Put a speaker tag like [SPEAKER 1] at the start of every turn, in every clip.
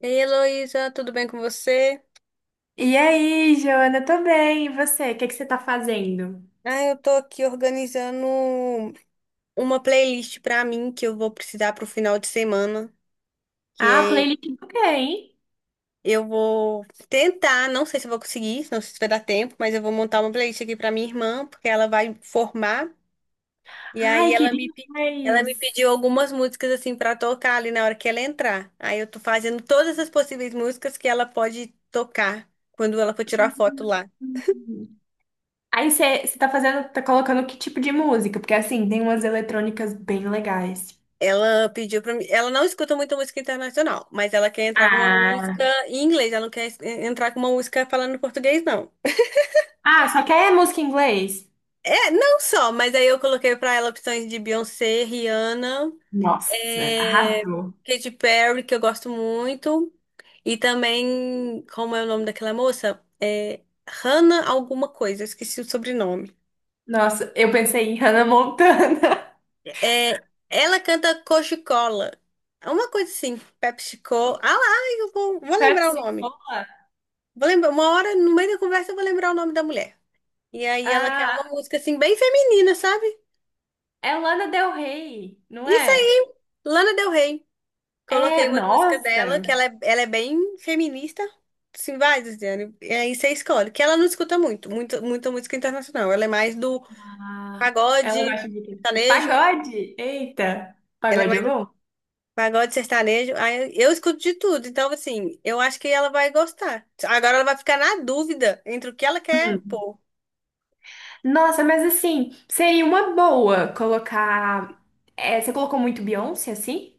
[SPEAKER 1] Ei, Heloísa, tudo bem com você?
[SPEAKER 2] E aí, Joana, tô bem. E você? O que que você tá fazendo?
[SPEAKER 1] Eu tô aqui organizando uma playlist pra mim que eu vou precisar pro final de semana, que
[SPEAKER 2] Ah,
[SPEAKER 1] é-
[SPEAKER 2] playlist do quê, hein?
[SPEAKER 1] eu vou tentar, não sei se eu vou conseguir, não sei se vai dar tempo, mas eu vou montar uma playlist aqui pra minha irmã, porque ela vai formar, e aí
[SPEAKER 2] Ai, que
[SPEAKER 1] ela me
[SPEAKER 2] demais!
[SPEAKER 1] pediu algumas músicas assim pra tocar ali na hora que ela entrar. Aí eu tô fazendo todas as possíveis músicas que ela pode tocar quando ela for tirar foto lá.
[SPEAKER 2] Hum. Aí você tá fazendo, tá colocando que tipo de música? Porque assim, tem umas eletrônicas bem legais.
[SPEAKER 1] Ela pediu pra mim. Ela não escuta muita música internacional, mas ela quer entrar com uma
[SPEAKER 2] Ah,
[SPEAKER 1] música em inglês. Ela não quer entrar com uma música falando em português, não.
[SPEAKER 2] ah, só quer música em inglês?
[SPEAKER 1] É, não só, mas aí eu coloquei pra ela opções de Beyoncé, Rihanna,
[SPEAKER 2] Nossa,
[SPEAKER 1] é,
[SPEAKER 2] arrasou.
[SPEAKER 1] Katy Perry, que eu gosto muito. E também, como é o nome daquela moça? Hannah alguma coisa, eu esqueci o sobrenome.
[SPEAKER 2] Nossa, eu pensei em Hannah Montana.
[SPEAKER 1] É, ela canta Coca-Cola. É uma coisa assim, PepsiCo. Ah lá, vou lembrar o
[SPEAKER 2] Pepsi
[SPEAKER 1] nome.
[SPEAKER 2] Cola?
[SPEAKER 1] Vou lembrar, uma hora, no meio da conversa, eu vou lembrar o nome da mulher. E aí ela quer
[SPEAKER 2] Ah,
[SPEAKER 1] uma música assim, bem feminina, sabe?
[SPEAKER 2] é Lana Del Rey, não
[SPEAKER 1] Isso
[SPEAKER 2] é?
[SPEAKER 1] aí, Lana Del Rey.
[SPEAKER 2] É,
[SPEAKER 1] Coloquei uma música dela,
[SPEAKER 2] nossa.
[SPEAKER 1] ela é bem feminista. Sim, vai, Luciane. E aí você escolhe. Que ela não escuta muito, muito, muita música internacional. Ela é mais do
[SPEAKER 2] Ah, ela
[SPEAKER 1] pagode,
[SPEAKER 2] gosta de quê?
[SPEAKER 1] sertanejo.
[SPEAKER 2] Pagode? Eita,
[SPEAKER 1] Ela é
[SPEAKER 2] pagode é
[SPEAKER 1] mais do
[SPEAKER 2] bom.
[SPEAKER 1] pagode sertanejo. Aí eu escuto de tudo. Então, assim, eu acho que ela vai gostar. Agora ela vai ficar na dúvida entre o que ela quer
[SPEAKER 2] Hum.
[SPEAKER 1] pôr.
[SPEAKER 2] Nossa, mas assim, seria uma boa colocar. É, você colocou muito Beyoncé, assim?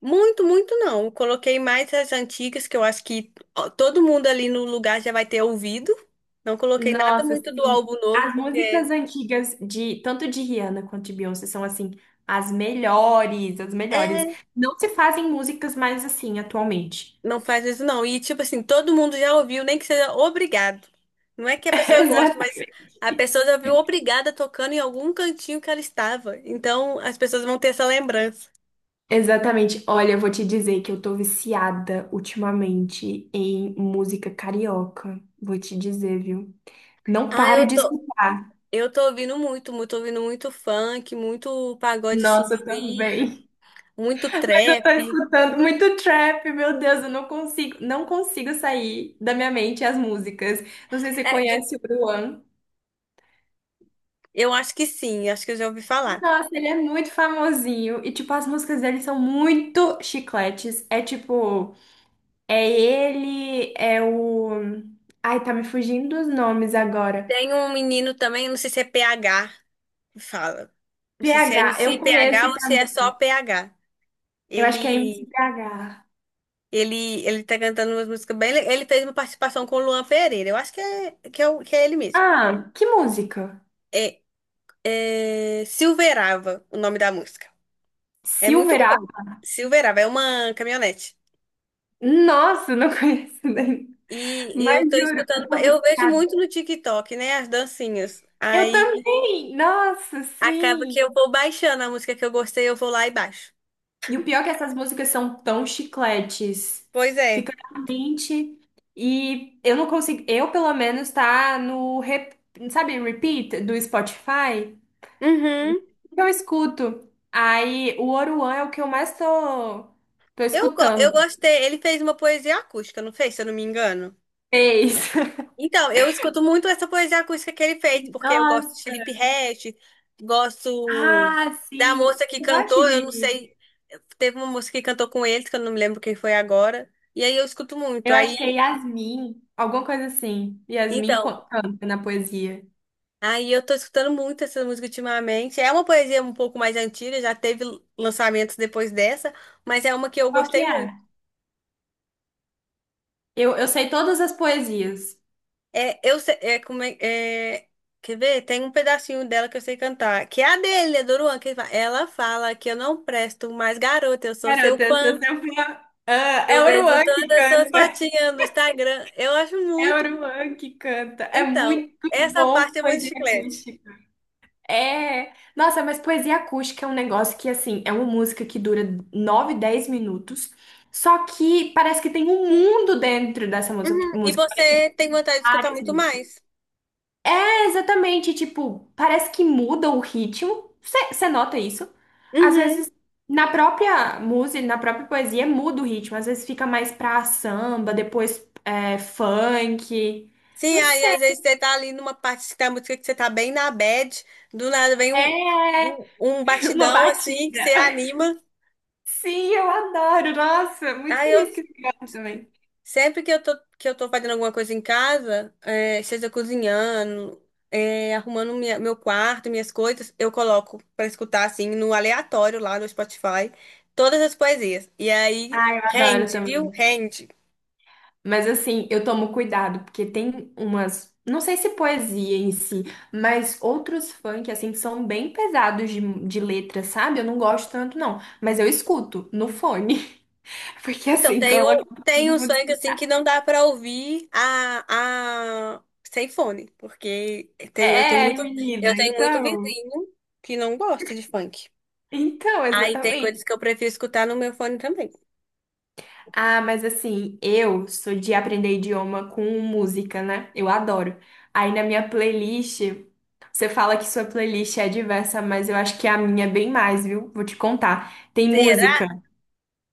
[SPEAKER 1] Muito, muito não. Eu coloquei mais as antigas, que eu acho que ó, todo mundo ali no lugar já vai ter ouvido. Não coloquei nada
[SPEAKER 2] Nossa,
[SPEAKER 1] muito do
[SPEAKER 2] assim,
[SPEAKER 1] álbum novo,
[SPEAKER 2] as
[SPEAKER 1] porque
[SPEAKER 2] músicas antigas de tanto de Rihanna quanto de Beyoncé são assim as melhores, as melhores.
[SPEAKER 1] é,
[SPEAKER 2] Não se fazem músicas mais assim atualmente.
[SPEAKER 1] não faz isso não. E tipo assim, todo mundo já ouviu, nem que seja obrigado. Não é que a pessoa goste, mas a pessoa já viu obrigada tocando em algum cantinho que ela estava. Então as pessoas vão ter essa lembrança.
[SPEAKER 2] Exatamente. Olha, eu vou te dizer que eu tô viciada ultimamente em música carioca. Vou te dizer, viu? Não
[SPEAKER 1] Ah,
[SPEAKER 2] paro
[SPEAKER 1] eu
[SPEAKER 2] de
[SPEAKER 1] tô,
[SPEAKER 2] escutar.
[SPEAKER 1] eu tô ouvindo muito, muito, ouvindo muito funk, muito pagode assim
[SPEAKER 2] Nossa,
[SPEAKER 1] do
[SPEAKER 2] eu
[SPEAKER 1] Rio,
[SPEAKER 2] também.
[SPEAKER 1] muito
[SPEAKER 2] Mas eu tô
[SPEAKER 1] trap.
[SPEAKER 2] escutando muito trap, meu Deus, eu não consigo, não consigo sair da minha mente as músicas. Não sei se você
[SPEAKER 1] É,
[SPEAKER 2] conhece o Bruan.
[SPEAKER 1] Eu acho que sim, acho que eu já ouvi falar.
[SPEAKER 2] Nossa, ele é muito famosinho e tipo as músicas dele são muito chicletes. É tipo, é ele, é o ai, tá me fugindo dos nomes agora.
[SPEAKER 1] Tem um menino também, não sei se é PH, que fala. Não sei se é
[SPEAKER 2] PH,
[SPEAKER 1] MC
[SPEAKER 2] eu
[SPEAKER 1] PH
[SPEAKER 2] conheço
[SPEAKER 1] ou se é só
[SPEAKER 2] também.
[SPEAKER 1] PH.
[SPEAKER 2] Eu acho que é
[SPEAKER 1] Ele,
[SPEAKER 2] MCPH.
[SPEAKER 1] ele tá cantando umas músicas bem. Ele fez uma participação com o Luan Pereira. Eu acho que é ele mesmo.
[SPEAKER 2] Ah, que música?
[SPEAKER 1] É, é Silverava, o nome da música. É muito
[SPEAKER 2] Silver A?
[SPEAKER 1] bom. Silverava, é uma caminhonete.
[SPEAKER 2] Nossa, não conheço nem.
[SPEAKER 1] E eu
[SPEAKER 2] Mas
[SPEAKER 1] tô
[SPEAKER 2] juro, eu
[SPEAKER 1] escutando,
[SPEAKER 2] tô
[SPEAKER 1] eu vejo
[SPEAKER 2] viciada.
[SPEAKER 1] muito no TikTok, né, as dancinhas.
[SPEAKER 2] Eu
[SPEAKER 1] Aí
[SPEAKER 2] também! Nossa,
[SPEAKER 1] acaba que
[SPEAKER 2] sim!
[SPEAKER 1] eu vou baixando a música que eu gostei, eu vou lá e baixo.
[SPEAKER 2] E o pior é que essas músicas são tão chicletes.
[SPEAKER 1] Pois é.
[SPEAKER 2] Fica na mente. E eu não consigo. Eu, pelo menos, tá no sabe, repeat do Spotify?
[SPEAKER 1] Uhum.
[SPEAKER 2] Que eu escuto. Aí o Oruan é o que eu mais tô
[SPEAKER 1] Eu
[SPEAKER 2] escutando.
[SPEAKER 1] gostei. Ele fez uma poesia acústica, não fez, se eu não me engano?
[SPEAKER 2] Fez.
[SPEAKER 1] Então, eu escuto muito essa poesia acústica que ele fez, porque eu gosto de
[SPEAKER 2] Nossa.
[SPEAKER 1] Felipe Ret, gosto
[SPEAKER 2] Ah,
[SPEAKER 1] da
[SPEAKER 2] sim.
[SPEAKER 1] moça que
[SPEAKER 2] Eu gosto
[SPEAKER 1] cantou, eu não
[SPEAKER 2] de.
[SPEAKER 1] sei. Teve uma moça que cantou com eles, que eu não me lembro quem foi agora. E aí eu escuto muito.
[SPEAKER 2] Eu
[SPEAKER 1] Aí,
[SPEAKER 2] acho que é Yasmin, alguma coisa assim. Yasmin
[SPEAKER 1] então.
[SPEAKER 2] canta na poesia.
[SPEAKER 1] Aí eu tô escutando muito essa música ultimamente. É uma poesia um pouco mais antiga, já teve lançamentos depois dessa, mas é uma que eu
[SPEAKER 2] Qual que
[SPEAKER 1] gostei muito.
[SPEAKER 2] é? Eu sei todas as poesias.
[SPEAKER 1] É, eu sei, é, como é, é- quer ver? Tem um pedacinho dela que eu sei cantar, que é a dele, é do Luan, ela fala que eu não presto mais garota, eu sou seu
[SPEAKER 2] Garota, eu
[SPEAKER 1] fã.
[SPEAKER 2] sou seu fã. Ah, é
[SPEAKER 1] Eu vejo
[SPEAKER 2] Oruan que
[SPEAKER 1] todas as suas
[SPEAKER 2] canta.
[SPEAKER 1] fotinhas no Instagram. Eu acho
[SPEAKER 2] É
[SPEAKER 1] muito.
[SPEAKER 2] Oruan que canta. É
[SPEAKER 1] Então,
[SPEAKER 2] muito
[SPEAKER 1] essa
[SPEAKER 2] bom
[SPEAKER 1] parte é muito
[SPEAKER 2] poesia
[SPEAKER 1] chiclete.
[SPEAKER 2] acústica. É, nossa, mas poesia acústica é um negócio que, assim, é uma música que dura 9, 10 minutos, só que parece que tem um mundo dentro dessa
[SPEAKER 1] Uhum. E
[SPEAKER 2] música, parece que tem
[SPEAKER 1] você tem vontade de escutar
[SPEAKER 2] várias.
[SPEAKER 1] muito mais?
[SPEAKER 2] É exatamente, tipo, parece que muda o ritmo, você nota isso? Às
[SPEAKER 1] Uhum.
[SPEAKER 2] vezes, na própria música, na própria poesia, muda o ritmo, às vezes fica mais pra samba, depois é, funk,
[SPEAKER 1] Sim,
[SPEAKER 2] não
[SPEAKER 1] aí
[SPEAKER 2] sei,
[SPEAKER 1] às vezes você tá ali numa parte da música que você tá bem na bad, do nada vem
[SPEAKER 2] é
[SPEAKER 1] um
[SPEAKER 2] uma
[SPEAKER 1] batidão assim que você
[SPEAKER 2] batida.
[SPEAKER 1] anima.
[SPEAKER 2] Sim, eu adoro. Nossa, muito
[SPEAKER 1] Aí eu
[SPEAKER 2] feliz que você gosta também.
[SPEAKER 1] sempre que eu tô fazendo alguma coisa em casa, é, seja cozinhando, é, arrumando meu quarto, minhas coisas, eu coloco pra escutar assim no aleatório lá no Spotify todas as poesias. E aí
[SPEAKER 2] Eu adoro
[SPEAKER 1] rende, viu?
[SPEAKER 2] também.
[SPEAKER 1] Rende.
[SPEAKER 2] Mas assim, eu tomo cuidado, porque tem umas, não sei se poesia em si, mas outros funk, assim, que são bem pesados de letra, sabe? Eu não gosto tanto, não. Mas eu escuto no fone, porque
[SPEAKER 1] Então,
[SPEAKER 2] assim, coloca pra
[SPEAKER 1] tem
[SPEAKER 2] todo
[SPEAKER 1] um
[SPEAKER 2] mundo
[SPEAKER 1] funk assim que
[SPEAKER 2] escutar.
[SPEAKER 1] não dá pra ouvir a... sem fone, porque tem,
[SPEAKER 2] É, menina,
[SPEAKER 1] eu tenho muito
[SPEAKER 2] então.
[SPEAKER 1] vizinho que não gosta de funk.
[SPEAKER 2] Então,
[SPEAKER 1] Aí tem
[SPEAKER 2] exatamente.
[SPEAKER 1] coisas que eu prefiro escutar no meu fone também.
[SPEAKER 2] Ah, mas assim, eu sou de aprender idioma com música, né? Eu adoro. Aí na minha playlist, você fala que sua playlist é diversa, mas eu acho que a minha é bem mais, viu? Vou te contar. Tem
[SPEAKER 1] Será?
[SPEAKER 2] música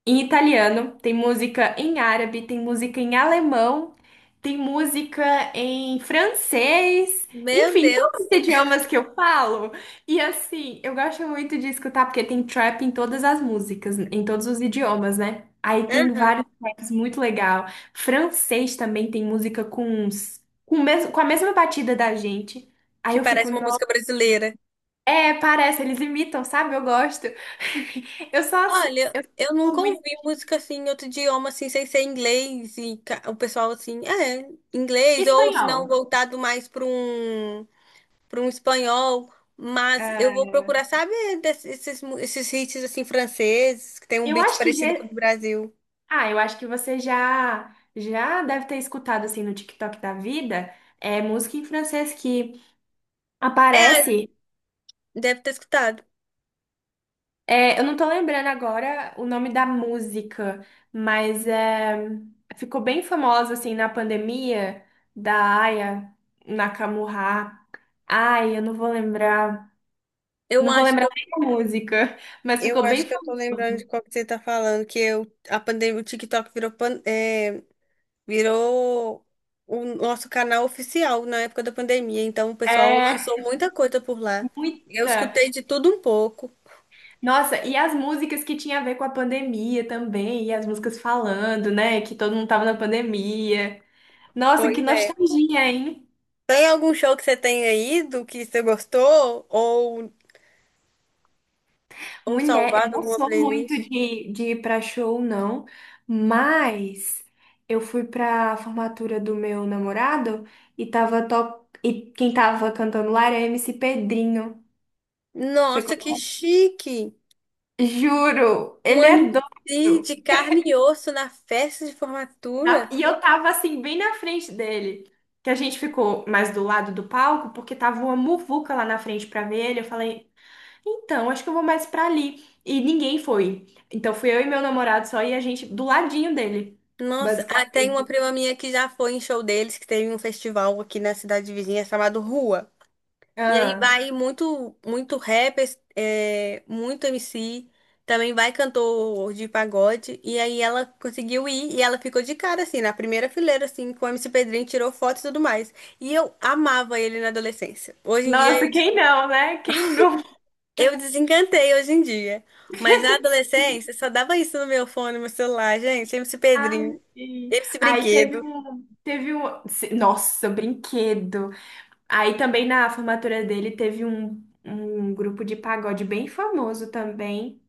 [SPEAKER 2] em italiano, tem música em árabe, tem música em alemão, tem música em francês,
[SPEAKER 1] Meu
[SPEAKER 2] enfim,
[SPEAKER 1] Deus.
[SPEAKER 2] todos os idiomas que eu falo. E assim, eu gosto muito de escutar porque tem trap em todas as músicas, em todos os idiomas, né? Aí tem
[SPEAKER 1] Aham.
[SPEAKER 2] vários traps muito legal. Francês também tem música com uns, com, o mesmo, com a mesma batida da gente. Aí
[SPEAKER 1] Que
[SPEAKER 2] eu fico,
[SPEAKER 1] parece uma
[SPEAKER 2] nossa,
[SPEAKER 1] música brasileira.
[SPEAKER 2] parece, eles imitam, sabe? Eu gosto. Eu só sou,
[SPEAKER 1] Olha,
[SPEAKER 2] eu
[SPEAKER 1] eu
[SPEAKER 2] sou
[SPEAKER 1] nunca
[SPEAKER 2] muito
[SPEAKER 1] ouvi música assim em outro idioma, assim, sem ser inglês e o pessoal assim, "Ah, é, inglês, ou se não
[SPEAKER 2] espanhol.
[SPEAKER 1] voltado mais para um. Para um espanhol, mas eu vou
[SPEAKER 2] Ah,
[SPEAKER 1] procurar, sabe, esses hits assim franceses, que tem um
[SPEAKER 2] eu
[SPEAKER 1] beat
[SPEAKER 2] acho que já...
[SPEAKER 1] parecido com o do Brasil.
[SPEAKER 2] ah, eu acho que você já deve ter escutado assim no TikTok da vida, é música em francês que
[SPEAKER 1] É,
[SPEAKER 2] aparece.
[SPEAKER 1] deve ter escutado.
[SPEAKER 2] Eu não tô lembrando agora o nome da música, mas ficou bem famosa assim na pandemia da Aya Nakamura. Ai, eu não vou lembrar,
[SPEAKER 1] Eu
[SPEAKER 2] não vou
[SPEAKER 1] acho que
[SPEAKER 2] lembrar
[SPEAKER 1] eu,
[SPEAKER 2] nem a música, mas
[SPEAKER 1] eu
[SPEAKER 2] ficou bem
[SPEAKER 1] acho que eu tô lembrando de
[SPEAKER 2] famosa.
[SPEAKER 1] qual que você tá falando, a pandemia, o TikTok virou, pan- é, virou o nosso canal oficial na época da pandemia, então o pessoal
[SPEAKER 2] É
[SPEAKER 1] lançou muita coisa por lá. Eu
[SPEAKER 2] muita.
[SPEAKER 1] escutei de tudo um pouco.
[SPEAKER 2] Nossa, e as músicas que tinha a ver com a pandemia também, e as músicas falando, né, que todo mundo tava na pandemia. Nossa,
[SPEAKER 1] Pois
[SPEAKER 2] que
[SPEAKER 1] é.
[SPEAKER 2] nostalgia, hein?
[SPEAKER 1] Tem algum show que você tenha ido que você gostou? Ou
[SPEAKER 2] Mulher, eu
[SPEAKER 1] salvado
[SPEAKER 2] não
[SPEAKER 1] alguma
[SPEAKER 2] sou muito
[SPEAKER 1] playlist.
[SPEAKER 2] de ir pra show, não, mas eu fui pra formatura do meu namorado e tava top, e quem tava cantando lá era MC Pedrinho. Você
[SPEAKER 1] Nossa, que
[SPEAKER 2] conhece?
[SPEAKER 1] chique!
[SPEAKER 2] Juro,
[SPEAKER 1] Um
[SPEAKER 2] ele é
[SPEAKER 1] MC
[SPEAKER 2] doido.
[SPEAKER 1] de carne e osso na festa de formatura.
[SPEAKER 2] E eu tava assim, bem na frente dele. Que a gente ficou mais do lado do palco, porque tava uma muvuca lá na frente pra ver ele. Eu falei, então, acho que eu vou mais pra ali. E ninguém foi. Então fui eu e meu namorado só e a gente do ladinho dele,
[SPEAKER 1] Nossa, ah, tem uma
[SPEAKER 2] basicamente.
[SPEAKER 1] prima minha que já foi em show deles, que teve um festival aqui na cidade vizinha chamado Rua. E aí
[SPEAKER 2] Ah.
[SPEAKER 1] vai muito, muito rap, é, muito MC, também vai cantor de pagode. E aí ela conseguiu ir e ela ficou de cara, assim, na primeira fileira, assim, com o MC Pedrinho, tirou foto e tudo mais. E eu amava ele na adolescência. Hoje em dia
[SPEAKER 2] Nossa, quem não, né? Quem nunca?
[SPEAKER 1] eu desencantei hoje em dia. Mas na adolescência só dava isso no meu fone, no meu celular, gente. MC
[SPEAKER 2] Ai,
[SPEAKER 1] Pedrinho,
[SPEAKER 2] sim.
[SPEAKER 1] MC
[SPEAKER 2] Aí teve
[SPEAKER 1] Brinquedo.
[SPEAKER 2] um, teve um, nossa, brinquedo. Aí também na formatura dele teve um grupo de pagode bem famoso também,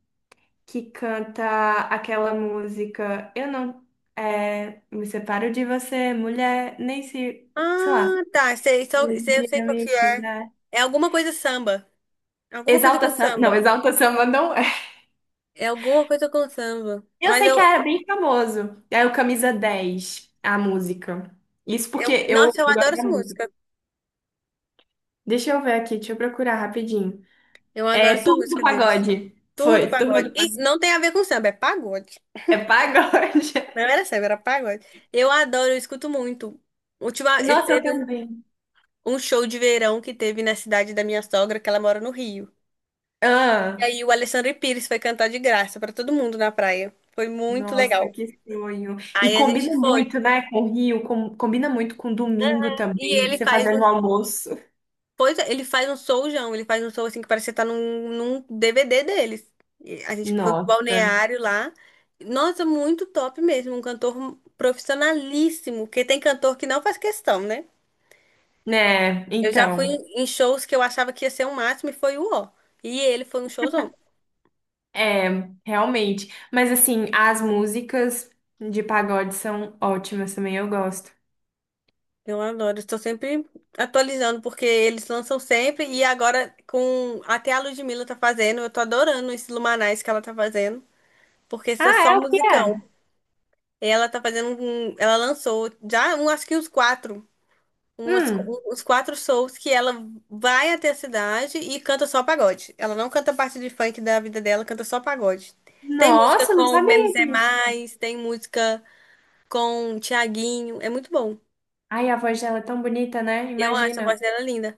[SPEAKER 2] que canta aquela música "Eu não me separo de você, mulher, nem se, sei lá,
[SPEAKER 1] Ah, tá.
[SPEAKER 2] se um
[SPEAKER 1] Sei, eu
[SPEAKER 2] dia
[SPEAKER 1] sei qual
[SPEAKER 2] me
[SPEAKER 1] que é.
[SPEAKER 2] quiser."
[SPEAKER 1] É alguma coisa samba. Alguma coisa com samba.
[SPEAKER 2] Exalta Samba não é.
[SPEAKER 1] É alguma coisa com samba.
[SPEAKER 2] Eu sei que era bem famoso. É o Camisa 10 a música. Isso porque eu,
[SPEAKER 1] Nossa, eu
[SPEAKER 2] eu gosto
[SPEAKER 1] adoro
[SPEAKER 2] da
[SPEAKER 1] essa
[SPEAKER 2] música.
[SPEAKER 1] música.
[SPEAKER 2] Deixa eu ver aqui, deixa eu procurar rapidinho.
[SPEAKER 1] Eu adoro
[SPEAKER 2] É
[SPEAKER 1] essa
[SPEAKER 2] Turma do
[SPEAKER 1] música deles.
[SPEAKER 2] Pagode.
[SPEAKER 1] Turma do
[SPEAKER 2] Foi, Turma
[SPEAKER 1] Pagode.
[SPEAKER 2] do
[SPEAKER 1] Isso
[SPEAKER 2] Pagode.
[SPEAKER 1] não tem a ver com samba, é pagode.
[SPEAKER 2] É pagode.
[SPEAKER 1] Não era samba, era pagode. Eu adoro, eu escuto muito. Última,
[SPEAKER 2] Nossa, eu
[SPEAKER 1] teve
[SPEAKER 2] também.
[SPEAKER 1] um show de verão que teve na cidade da minha sogra, que ela mora no Rio. E
[SPEAKER 2] Ah.
[SPEAKER 1] aí o Alexandre Pires foi cantar de graça pra todo mundo na praia. Foi muito
[SPEAKER 2] Nossa,
[SPEAKER 1] legal.
[SPEAKER 2] que sonho. E
[SPEAKER 1] Aí a
[SPEAKER 2] combina
[SPEAKER 1] gente foi.
[SPEAKER 2] muito, né, com o Rio, combina muito com domingo
[SPEAKER 1] E
[SPEAKER 2] também,
[SPEAKER 1] ele
[SPEAKER 2] você
[SPEAKER 1] faz
[SPEAKER 2] fazendo
[SPEAKER 1] um,
[SPEAKER 2] o almoço.
[SPEAKER 1] pois é, ele faz um showzão, ele faz um show assim que parece que você tá num DVD deles. E a gente foi pro
[SPEAKER 2] Nossa.
[SPEAKER 1] balneário lá. Nossa, muito top mesmo, um cantor profissionalíssimo, porque tem cantor que não faz questão, né?
[SPEAKER 2] Né?
[SPEAKER 1] Eu já fui
[SPEAKER 2] Então,
[SPEAKER 1] em shows que eu achava que ia ser o máximo e foi o ó. E ele foi um showzão.
[SPEAKER 2] realmente. Mas assim, as músicas de pagode são ótimas também, eu gosto.
[SPEAKER 1] Eu adoro, estou sempre atualizando, porque eles lançam sempre, e agora com até a Ludmilla tá fazendo, eu tô adorando esse Lumanais que ela tá fazendo, porque isso é
[SPEAKER 2] Ah,
[SPEAKER 1] só
[SPEAKER 2] é o que
[SPEAKER 1] musicão.
[SPEAKER 2] é?
[SPEAKER 1] Ela lançou já um, acho que uns quatro, umas,
[SPEAKER 2] Hum.
[SPEAKER 1] uns quatro shows que ela vai até a cidade e canta só pagode. Ela não canta parte de funk da vida dela, canta só pagode. Tem música
[SPEAKER 2] Nossa, não
[SPEAKER 1] com Menos
[SPEAKER 2] sabia
[SPEAKER 1] é
[SPEAKER 2] disso.
[SPEAKER 1] Mais, tem música com Tiaguinho, é muito bom.
[SPEAKER 2] Ai, a voz dela é tão bonita, né?
[SPEAKER 1] Eu acho a voz
[SPEAKER 2] Imagina.
[SPEAKER 1] dela linda.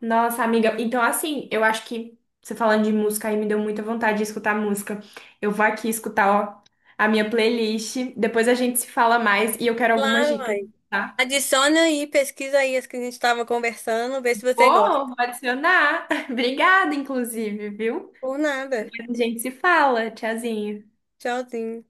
[SPEAKER 2] Nossa, amiga, então assim, eu acho que você falando de música aí me deu muita vontade de escutar música. Eu vou aqui escutar, ó, a minha playlist. Depois a gente se fala mais e eu quero algumas
[SPEAKER 1] Claro,
[SPEAKER 2] dicas, tá?
[SPEAKER 1] adiciona aí, pesquisa aí as que a gente estava conversando, vê se você gosta.
[SPEAKER 2] Vou adicionar. Obrigada, inclusive, viu?
[SPEAKER 1] Por nada.
[SPEAKER 2] Depois a gente se fala. Tchauzinho.
[SPEAKER 1] Tchauzinho.